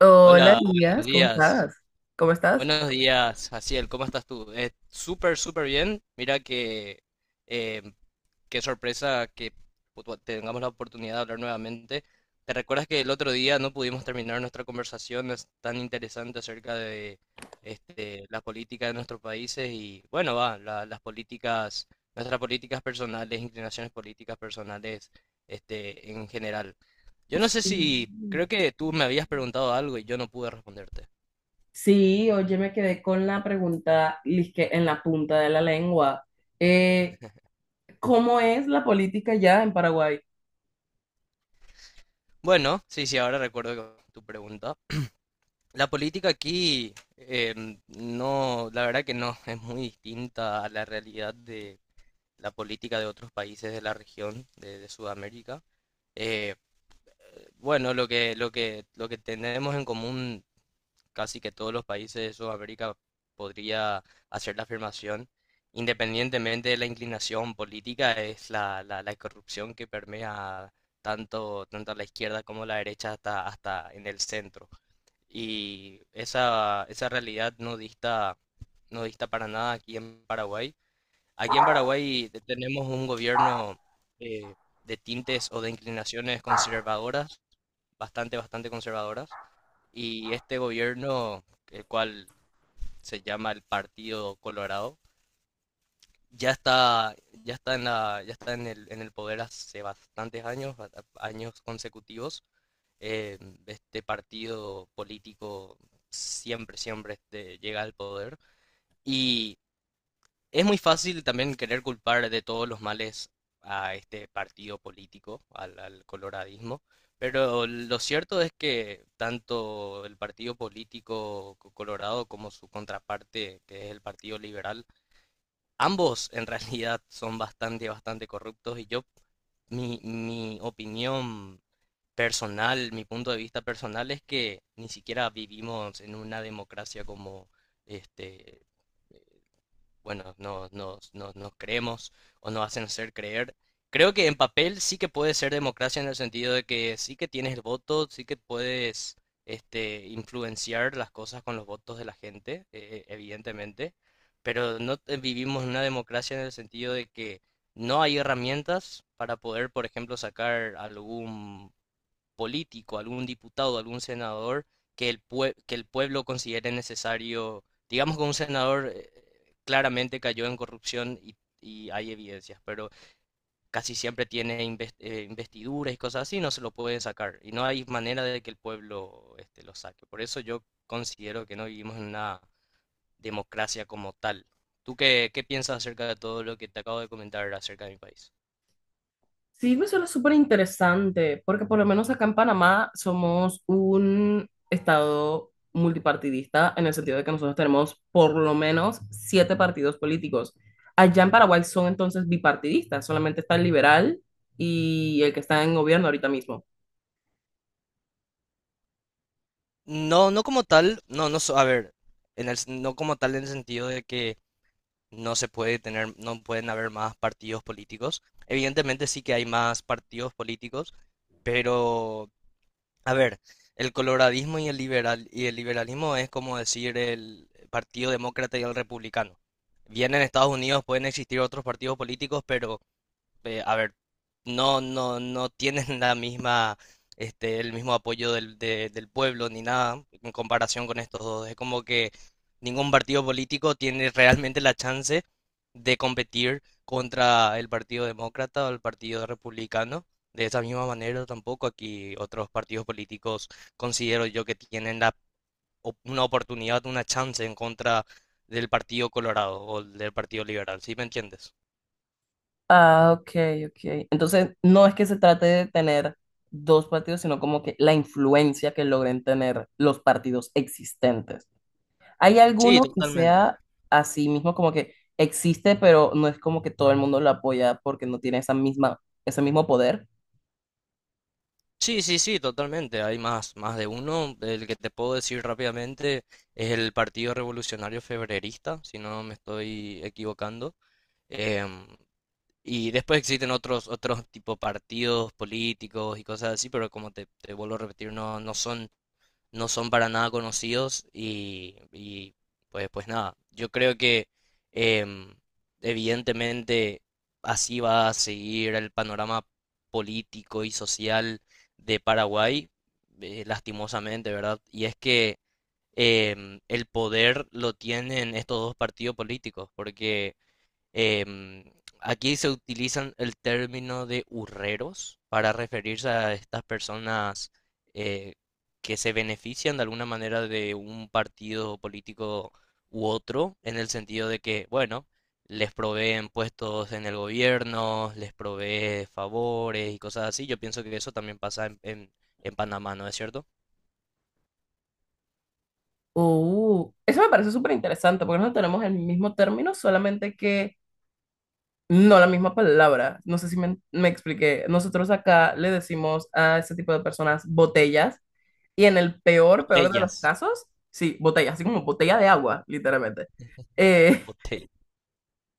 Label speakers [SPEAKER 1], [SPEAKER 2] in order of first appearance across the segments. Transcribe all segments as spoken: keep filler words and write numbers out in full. [SPEAKER 1] Hola,
[SPEAKER 2] Hola,
[SPEAKER 1] Díaz,
[SPEAKER 2] buenos
[SPEAKER 1] ¿cómo
[SPEAKER 2] días.
[SPEAKER 1] estás? ¿Cómo estás?
[SPEAKER 2] Buenos días, Jaciel, ¿cómo estás tú? Eh, súper, súper bien. Mira que eh, qué sorpresa que pu- tengamos la oportunidad de hablar nuevamente. ¿Te recuerdas que el otro día no pudimos terminar nuestra conversación es tan interesante acerca de este, la política de nuestros países y, bueno, va, la- las políticas, nuestras políticas personales, inclinaciones políticas personales, este, en general? Yo no sé
[SPEAKER 1] Sí,
[SPEAKER 2] si, creo que tú me habías preguntado algo y yo no pude responderte.
[SPEAKER 1] sí, oye, me quedé con la pregunta lisque, en la punta de la lengua. Eh, ¿Cómo es la política ya en Paraguay?
[SPEAKER 2] Bueno, sí, sí, ahora recuerdo que- tu pregunta. La política aquí, em, no, la verdad que no, es muy distinta a la realidad de la política de otros países de la región de, de Sudamérica. Eh, bueno, lo que, lo que, lo que tenemos en común casi que todos los países de Sudamérica podría hacer la afirmación, independientemente de la inclinación política, es la, la, la corrupción que permea tanto, tanto a la izquierda como a la derecha hasta, hasta en el centro. Y esa, esa realidad no dista, no dista para nada aquí en Paraguay. Aquí en Paraguay te- tenemos un gobierno eh, de tintes o de inclinaciones conservadoras, bastante, bastante conservadoras. Y este gobierno, el cual se llama el Partido Colorado, ya está, ya está en la, ya está en el, en el poder hace bastantes años, a- a- años consecutivos, eh, este partido político siempre, siempre este, llega al poder. Y es muy fácil también querer culpar de todos los males a este partido político, al, al coloradismo. Pero lo cierto es que tanto el partido político co- colorado como su contraparte, que es el partido liberal, ambos en realidad son bastante, bastante corruptos y yo, mi, mi opinión personal, mi punto de vista personal es que ni siquiera vivimos en una democracia como este, eh, bueno, nos, nos, nos, nos creemos o nos hacen hacer creer. Creo que en papel sí que puede ser democracia en el sentido de que sí que tienes el voto, sí que puedes este, influenciar las cosas con los votos de la gente, eh, evidentemente, pero no te- vivimos en una democracia en el sentido de que no hay herramientas para poder, por ejemplo, sacar algún político, algún diputado, algún senador que el, pue- que el pueblo considere necesario. Digamos que un senador eh, claramente cayó en corrupción y, y hay evidencias, pero casi siempre tiene inves- eh, investiduras y cosas así, no se lo pueden sacar. Y no hay manera de que el pueblo este, lo saque. Por eso yo considero que no vivimos en una democracia como tal. ¿Tú qué, qué piensas acerca de todo lo que te acabo de comentar acerca de mi país?
[SPEAKER 1] Sí, me suena súper interesante, porque por lo menos acá en Panamá somos un estado multipartidista, en el sentido de que nosotros tenemos por lo menos siete partidos políticos. Allá en Paraguay son entonces bipartidistas, solamente está el liberal y el que está en gobierno ahorita mismo.
[SPEAKER 2] No, no como tal, no, no, so- a ver, en el, no como tal en el sentido de que no se puede tener, no pueden haber más partidos políticos. Evidentemente sí que hay más partidos políticos, pero a ver, el coloradismo y el liberal y el liberalismo es como decir el Partido Demócrata y el Republicano. Bien en Estados Unidos pueden existir otros partidos políticos, pero eh, a ver, no, no, no tienen la misma, este, el mismo apoyo del, de- del pueblo ni nada en comparación con estos dos. Es como que ningún partido político tiene realmente la chance de competir contra el Partido Demócrata o el Partido Republicano. De esa misma manera, tampoco aquí otros partidos políticos considero yo que tienen la, op- una oportunidad, una chance en contra del Partido Colorado o del Partido Liberal. ¿Sí me entiendes?
[SPEAKER 1] Ah, ok, ok. Entonces, no es que se trate de tener dos partidos, sino como que la influencia que logren tener los partidos existentes. ¿Hay
[SPEAKER 2] Sí,
[SPEAKER 1] alguno que
[SPEAKER 2] totalmente.
[SPEAKER 1] sea así mismo como que existe, pero no es como que todo el mundo lo apoya porque no tiene esa misma, ese mismo poder?
[SPEAKER 2] Sí, sí, sí, totalmente. Hay más, más de uno. El que te puedo decir rápidamente es el Partido Revolucionario Febrerista, si no me estoy equivocando. Em, y después existen otros, otros tipo partidos políticos y cosas así, pero como te, te vuelvo a repetir, no, no son no son para nada conocidos y, y, pues, pues nada, yo creo que em, evidentemente así va a seguir el panorama político y social de Paraguay, eh, lastimosamente, ¿verdad? Y es que em, el poder lo tienen estos dos partidos políticos, porque Em, aquí se utilizan el término de urreros para referirse a estas personas eh, que se benefician de alguna manera de un partido político u otro, en el sentido de que, bueno, les proveen puestos en el gobierno, les provee favores y cosas así. Yo pienso que eso también pasa en, en en Panamá, ¿no es cierto?
[SPEAKER 1] Oh, eso me parece súper interesante porque no tenemos el mismo término, solamente que no la misma palabra. No sé si me, me expliqué. Nosotros acá le decimos a ese tipo de personas botellas y en el peor, peor de los
[SPEAKER 2] Botellas,
[SPEAKER 1] casos, sí, botellas, así como botella de agua, literalmente. Eh,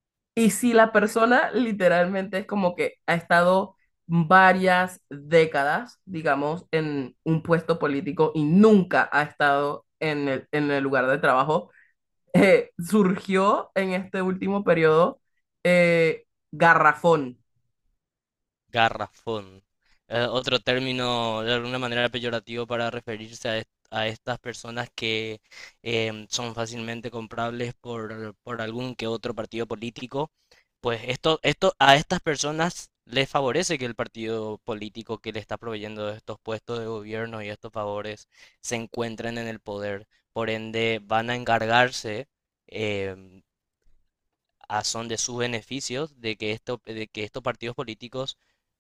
[SPEAKER 1] y si la persona literalmente es como que ha estado varias décadas, digamos, en un puesto político y nunca ha estado en el, en el lugar de trabajo eh, surgió en este último periodo eh, Garrafón.
[SPEAKER 2] garrafón. Eh, otro término de alguna manera peyorativo para referirse a, est- a estas personas que em, son fácilmente comprables por, por algún que otro partido político. Pues esto, esto a estas personas les favorece que el partido político que le está proveyendo de estos puestos de gobierno y estos favores se encuentren en el poder. Por ende, van a encargarse em, a son de sus beneficios de que, esto, de que estos partidos políticos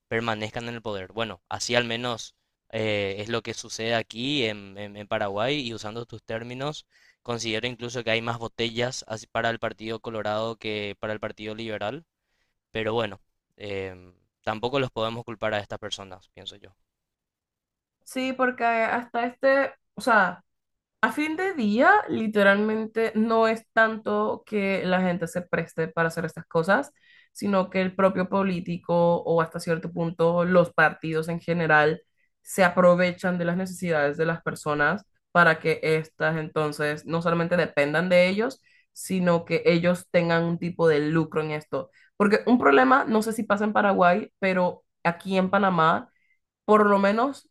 [SPEAKER 2] permanezcan en el poder. Bueno, así al menos eh, es lo que sucede aquí en, en- en Paraguay y usando tus términos, considero incluso que hay más botellas así para el Partido Colorado que para el Partido Liberal, pero bueno, em, tampoco los podemos culpar a estas personas, pienso yo.
[SPEAKER 1] Sí, porque hasta este, o sea, a fin de día, literalmente no es tanto que la gente se preste para hacer estas cosas, sino que el propio político o hasta cierto punto los partidos en general se aprovechan de las necesidades de las personas para que éstas entonces no solamente dependan de ellos, sino que ellos tengan un tipo de lucro en esto. Porque un problema, no sé si pasa en Paraguay, pero aquí en Panamá, por lo menos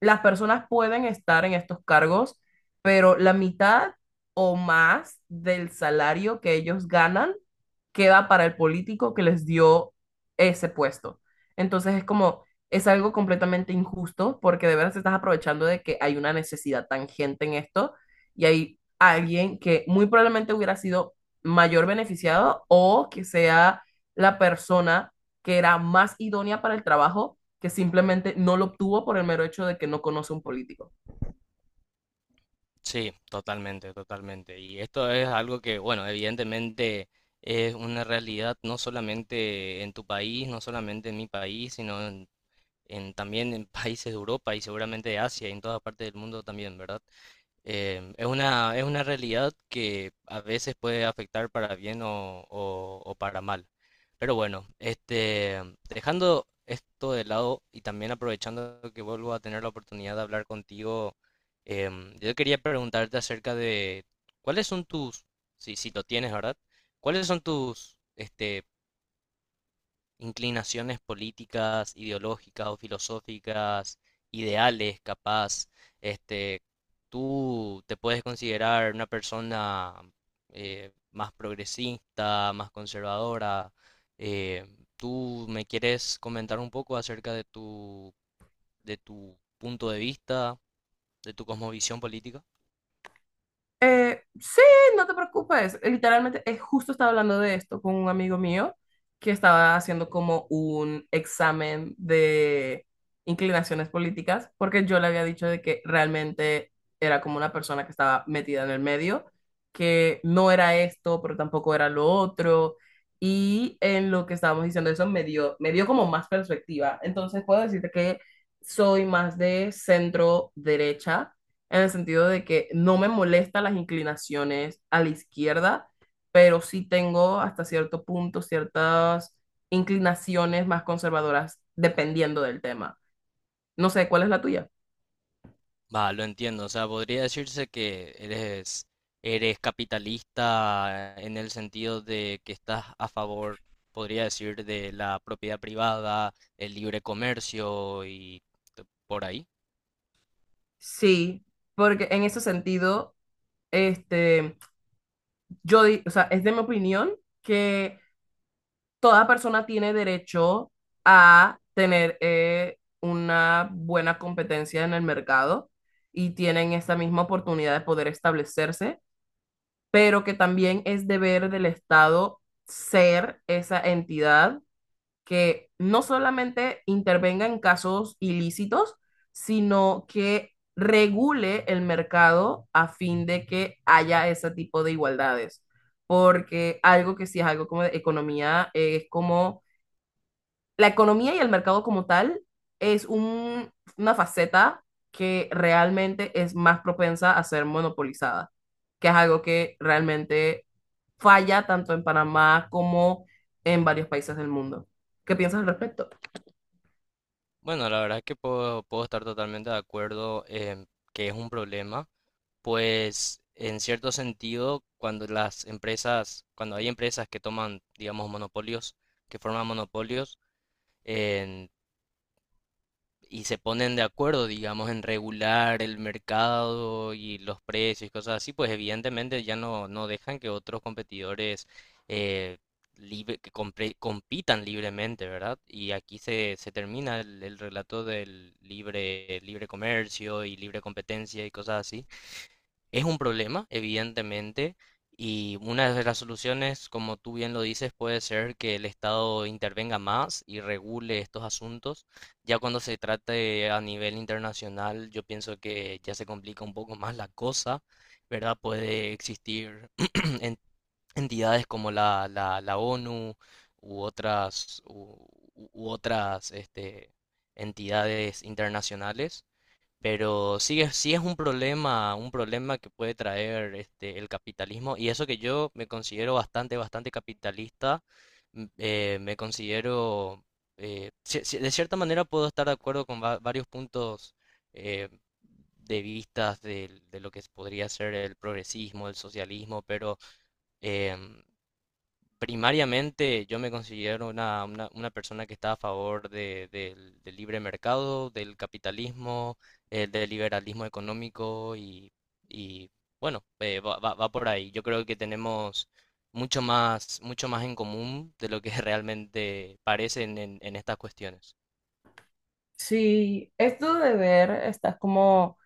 [SPEAKER 1] las personas pueden estar en estos cargos, pero la mitad o más del salario que ellos ganan queda para el político que les dio ese puesto. Entonces es como, es algo completamente injusto porque de verdad te estás aprovechando de que hay una necesidad tangente en esto y hay alguien que muy probablemente hubiera sido mayor beneficiado o que sea la persona que era más idónea para el trabajo que simplemente no lo obtuvo por el mero hecho de que no conoce un político.
[SPEAKER 2] Sí, totalmente, totalmente. Y esto es algo que, bueno, evidentemente es una realidad no solamente en tu país, no solamente en mi país, sino en, en también en países de Europa y seguramente de Asia y en todas partes del mundo también, ¿verdad? Em, es una, es una realidad que a veces puede afectar para bien o, o- o para mal. Pero bueno, este, dejando esto de lado y también aprovechando que vuelvo a tener la oportunidad de hablar contigo, em, yo quería preguntarte acerca de cuáles son tus, si, si lo tienes, ¿verdad? ¿Cuáles son tus, este, inclinaciones políticas, ideológicas o filosóficas, ideales, capaz, este, tú te puedes considerar una persona eh, más progresista, más conservadora? eh, ¿Tú me quieres comentar un poco acerca de tu, de tu punto de vista, de tu cosmovisión política?
[SPEAKER 1] Eh, sí, no te preocupes. Literalmente, eh, justo estaba hablando de esto con un amigo mío que estaba haciendo como un examen de inclinaciones políticas, porque yo le había dicho de que realmente era como una persona que estaba metida en el medio, que no era esto, pero tampoco era lo otro. Y en lo que estábamos diciendo eso me dio, me dio como más perspectiva. Entonces puedo decirte que soy más de centro derecha en el sentido de que no me molesta las inclinaciones a la izquierda, pero sí tengo hasta cierto punto ciertas inclinaciones más conservadoras dependiendo del tema. No sé, ¿cuál es la tuya?
[SPEAKER 2] Va, lo entiendo. O sea, podría decirse que eres, eres capitalista en el sentido de que estás a favor, podría decir, de la propiedad privada, el libre comercio y t- por ahí.
[SPEAKER 1] Sí, porque en ese sentido, este, yo, di- o sea, es de mi opinión que toda persona tiene derecho a tener eh, una buena competencia en el mercado y tienen esa misma oportunidad de poder establecerse, pero que también es deber del Estado ser esa entidad que no solamente intervenga en casos ilícitos, sino que regule el mercado a fin de que haya ese tipo de igualdades. Porque algo que sí es algo como de economía eh, es como la economía y el mercado como tal es un- una faceta que realmente es más propensa a ser monopolizada, que es algo que realmente falla tanto en Panamá como en varios países del mundo. ¿Qué piensas al respecto?
[SPEAKER 2] Bueno, la verdad es que puedo, puedo estar totalmente de acuerdo en que es un problema, pues en cierto sentido, cuando las empresas, cuando hay empresas que toman, digamos, monopolios, que forman monopolios, y se ponen de acuerdo, digamos, en regular el mercado y los precios y cosas así, pues evidentemente ya no, no dejan que otros competidores eh, libre- que compre- compitan libremente, ¿verdad? Y aquí se, se termina el, el relato del libre, libre comercio y libre competencia y cosas así. Es un problema, evidentemente, y una de las soluciones, como tú bien lo dices, puede ser que el Estado intervenga más y regule estos asuntos. Ya cuando se trate a nivel internacional, yo pienso que ya se complica un poco más la cosa, ¿verdad? Puede existir en- entidades como la, la, la ONU u otras, u, u- u otras este, entidades internacionales, pero sí es, sí es un problema, un problema que puede traer este, el capitalismo. Y eso que yo me considero bastante, bastante capitalista, m- eh, me considero, eh, ci- ci- de cierta manera puedo estar de acuerdo con va- varios puntos eh, de vistas del- de, lo que podría ser el progresismo, el socialismo, pero em, primariamente yo me considero una, una- una persona que está a favor de- del del libre mercado, del capitalismo, eh, del liberalismo económico y, y, bueno, eh, va, va- va por ahí. Yo creo que tenemos mucho más, mucho más en común de lo que realmente parece en en- en estas cuestiones.
[SPEAKER 1] Sí, esto de ver, estás como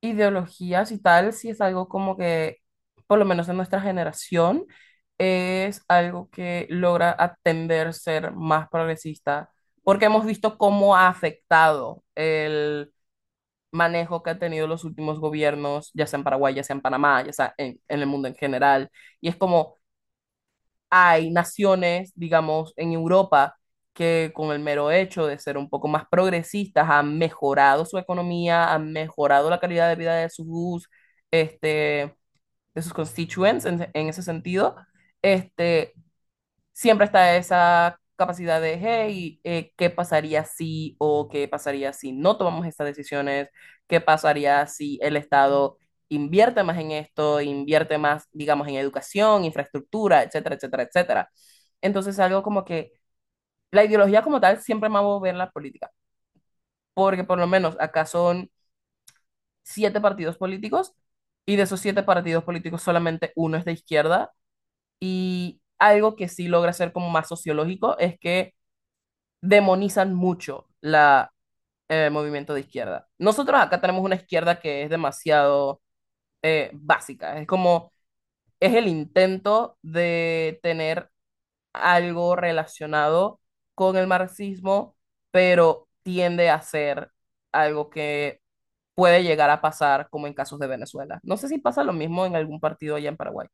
[SPEAKER 1] ideologías y tal, si es algo como que, por lo menos en nuestra generación, es algo que logra atender ser más progresista, porque hemos visto cómo ha afectado el manejo que han tenido los últimos gobiernos, ya sea en Paraguay, ya sea en Panamá, ya sea en, en, el mundo en general, y es como hay naciones, digamos, en Europa que con el mero hecho de ser un poco más progresistas han mejorado su economía, han mejorado la calidad de vida de sus, este, de sus constituents en, en ese sentido. Este, siempre está esa capacidad de, hey, eh, ¿qué pasaría si o qué pasaría si no tomamos estas decisiones? ¿Qué pasaría si el Estado invierte más en esto, invierte más, digamos, en educación, infraestructura, etcétera, etcétera, etcétera? Entonces, algo como que la ideología como tal siempre me va a mover la política, porque por lo menos acá son siete partidos políticos y de esos siete partidos políticos solamente uno es de izquierda y algo que sí logra ser como más sociológico es que demonizan mucho la, el movimiento de izquierda. Nosotros acá tenemos una izquierda que es demasiado eh, básica, es como, es el intento de tener algo relacionado con el marxismo, pero tiende a ser algo que puede llegar a pasar como en casos de Venezuela. No sé si pasa lo mismo en algún partido allá en Paraguay.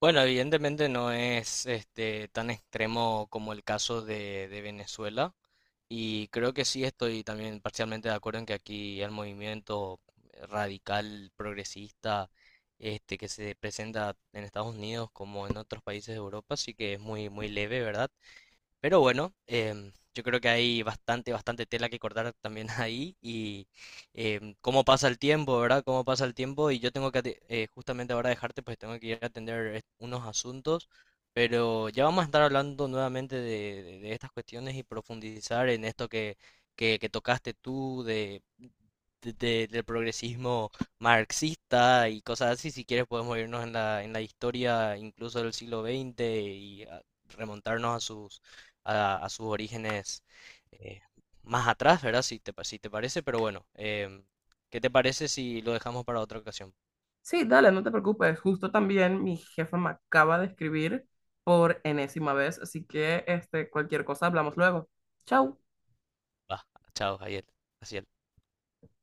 [SPEAKER 2] Bueno, evidentemente no es este tan extremo como el caso de, de Venezuela y creo que sí estoy también parcialmente de acuerdo en que aquí el movimiento radical progresista este que se presenta en Estados Unidos como en otros países de Europa sí que es muy muy leve, ¿verdad? Pero bueno, em, yo creo que hay bastante, bastante tela que cortar también ahí y em, cómo pasa el tiempo, ¿verdad? Cómo pasa el tiempo y yo tengo que ate- eh, justamente ahora dejarte, pues tengo que ir a atender est- unos asuntos, pero ya vamos a estar hablando nuevamente de, de- de estas cuestiones y profundizar en esto que, que, que tocaste tú de, de- de- del progresismo marxista y cosas así. Si quieres podemos irnos en la, en la historia incluso del siglo veinte y ah, remontarnos a sus a, a sus orígenes eh, más atrás, ¿verdad? Si te, pa- si te parece, pero bueno, em, ¿qué te parece si lo dejamos para otra ocasión?
[SPEAKER 1] Sí, dale, no te preocupes. Justo también mi jefa me acaba de escribir por enésima vez, así que este, cualquier cosa hablamos luego. Chao.
[SPEAKER 2] Va, chao, Javier. Así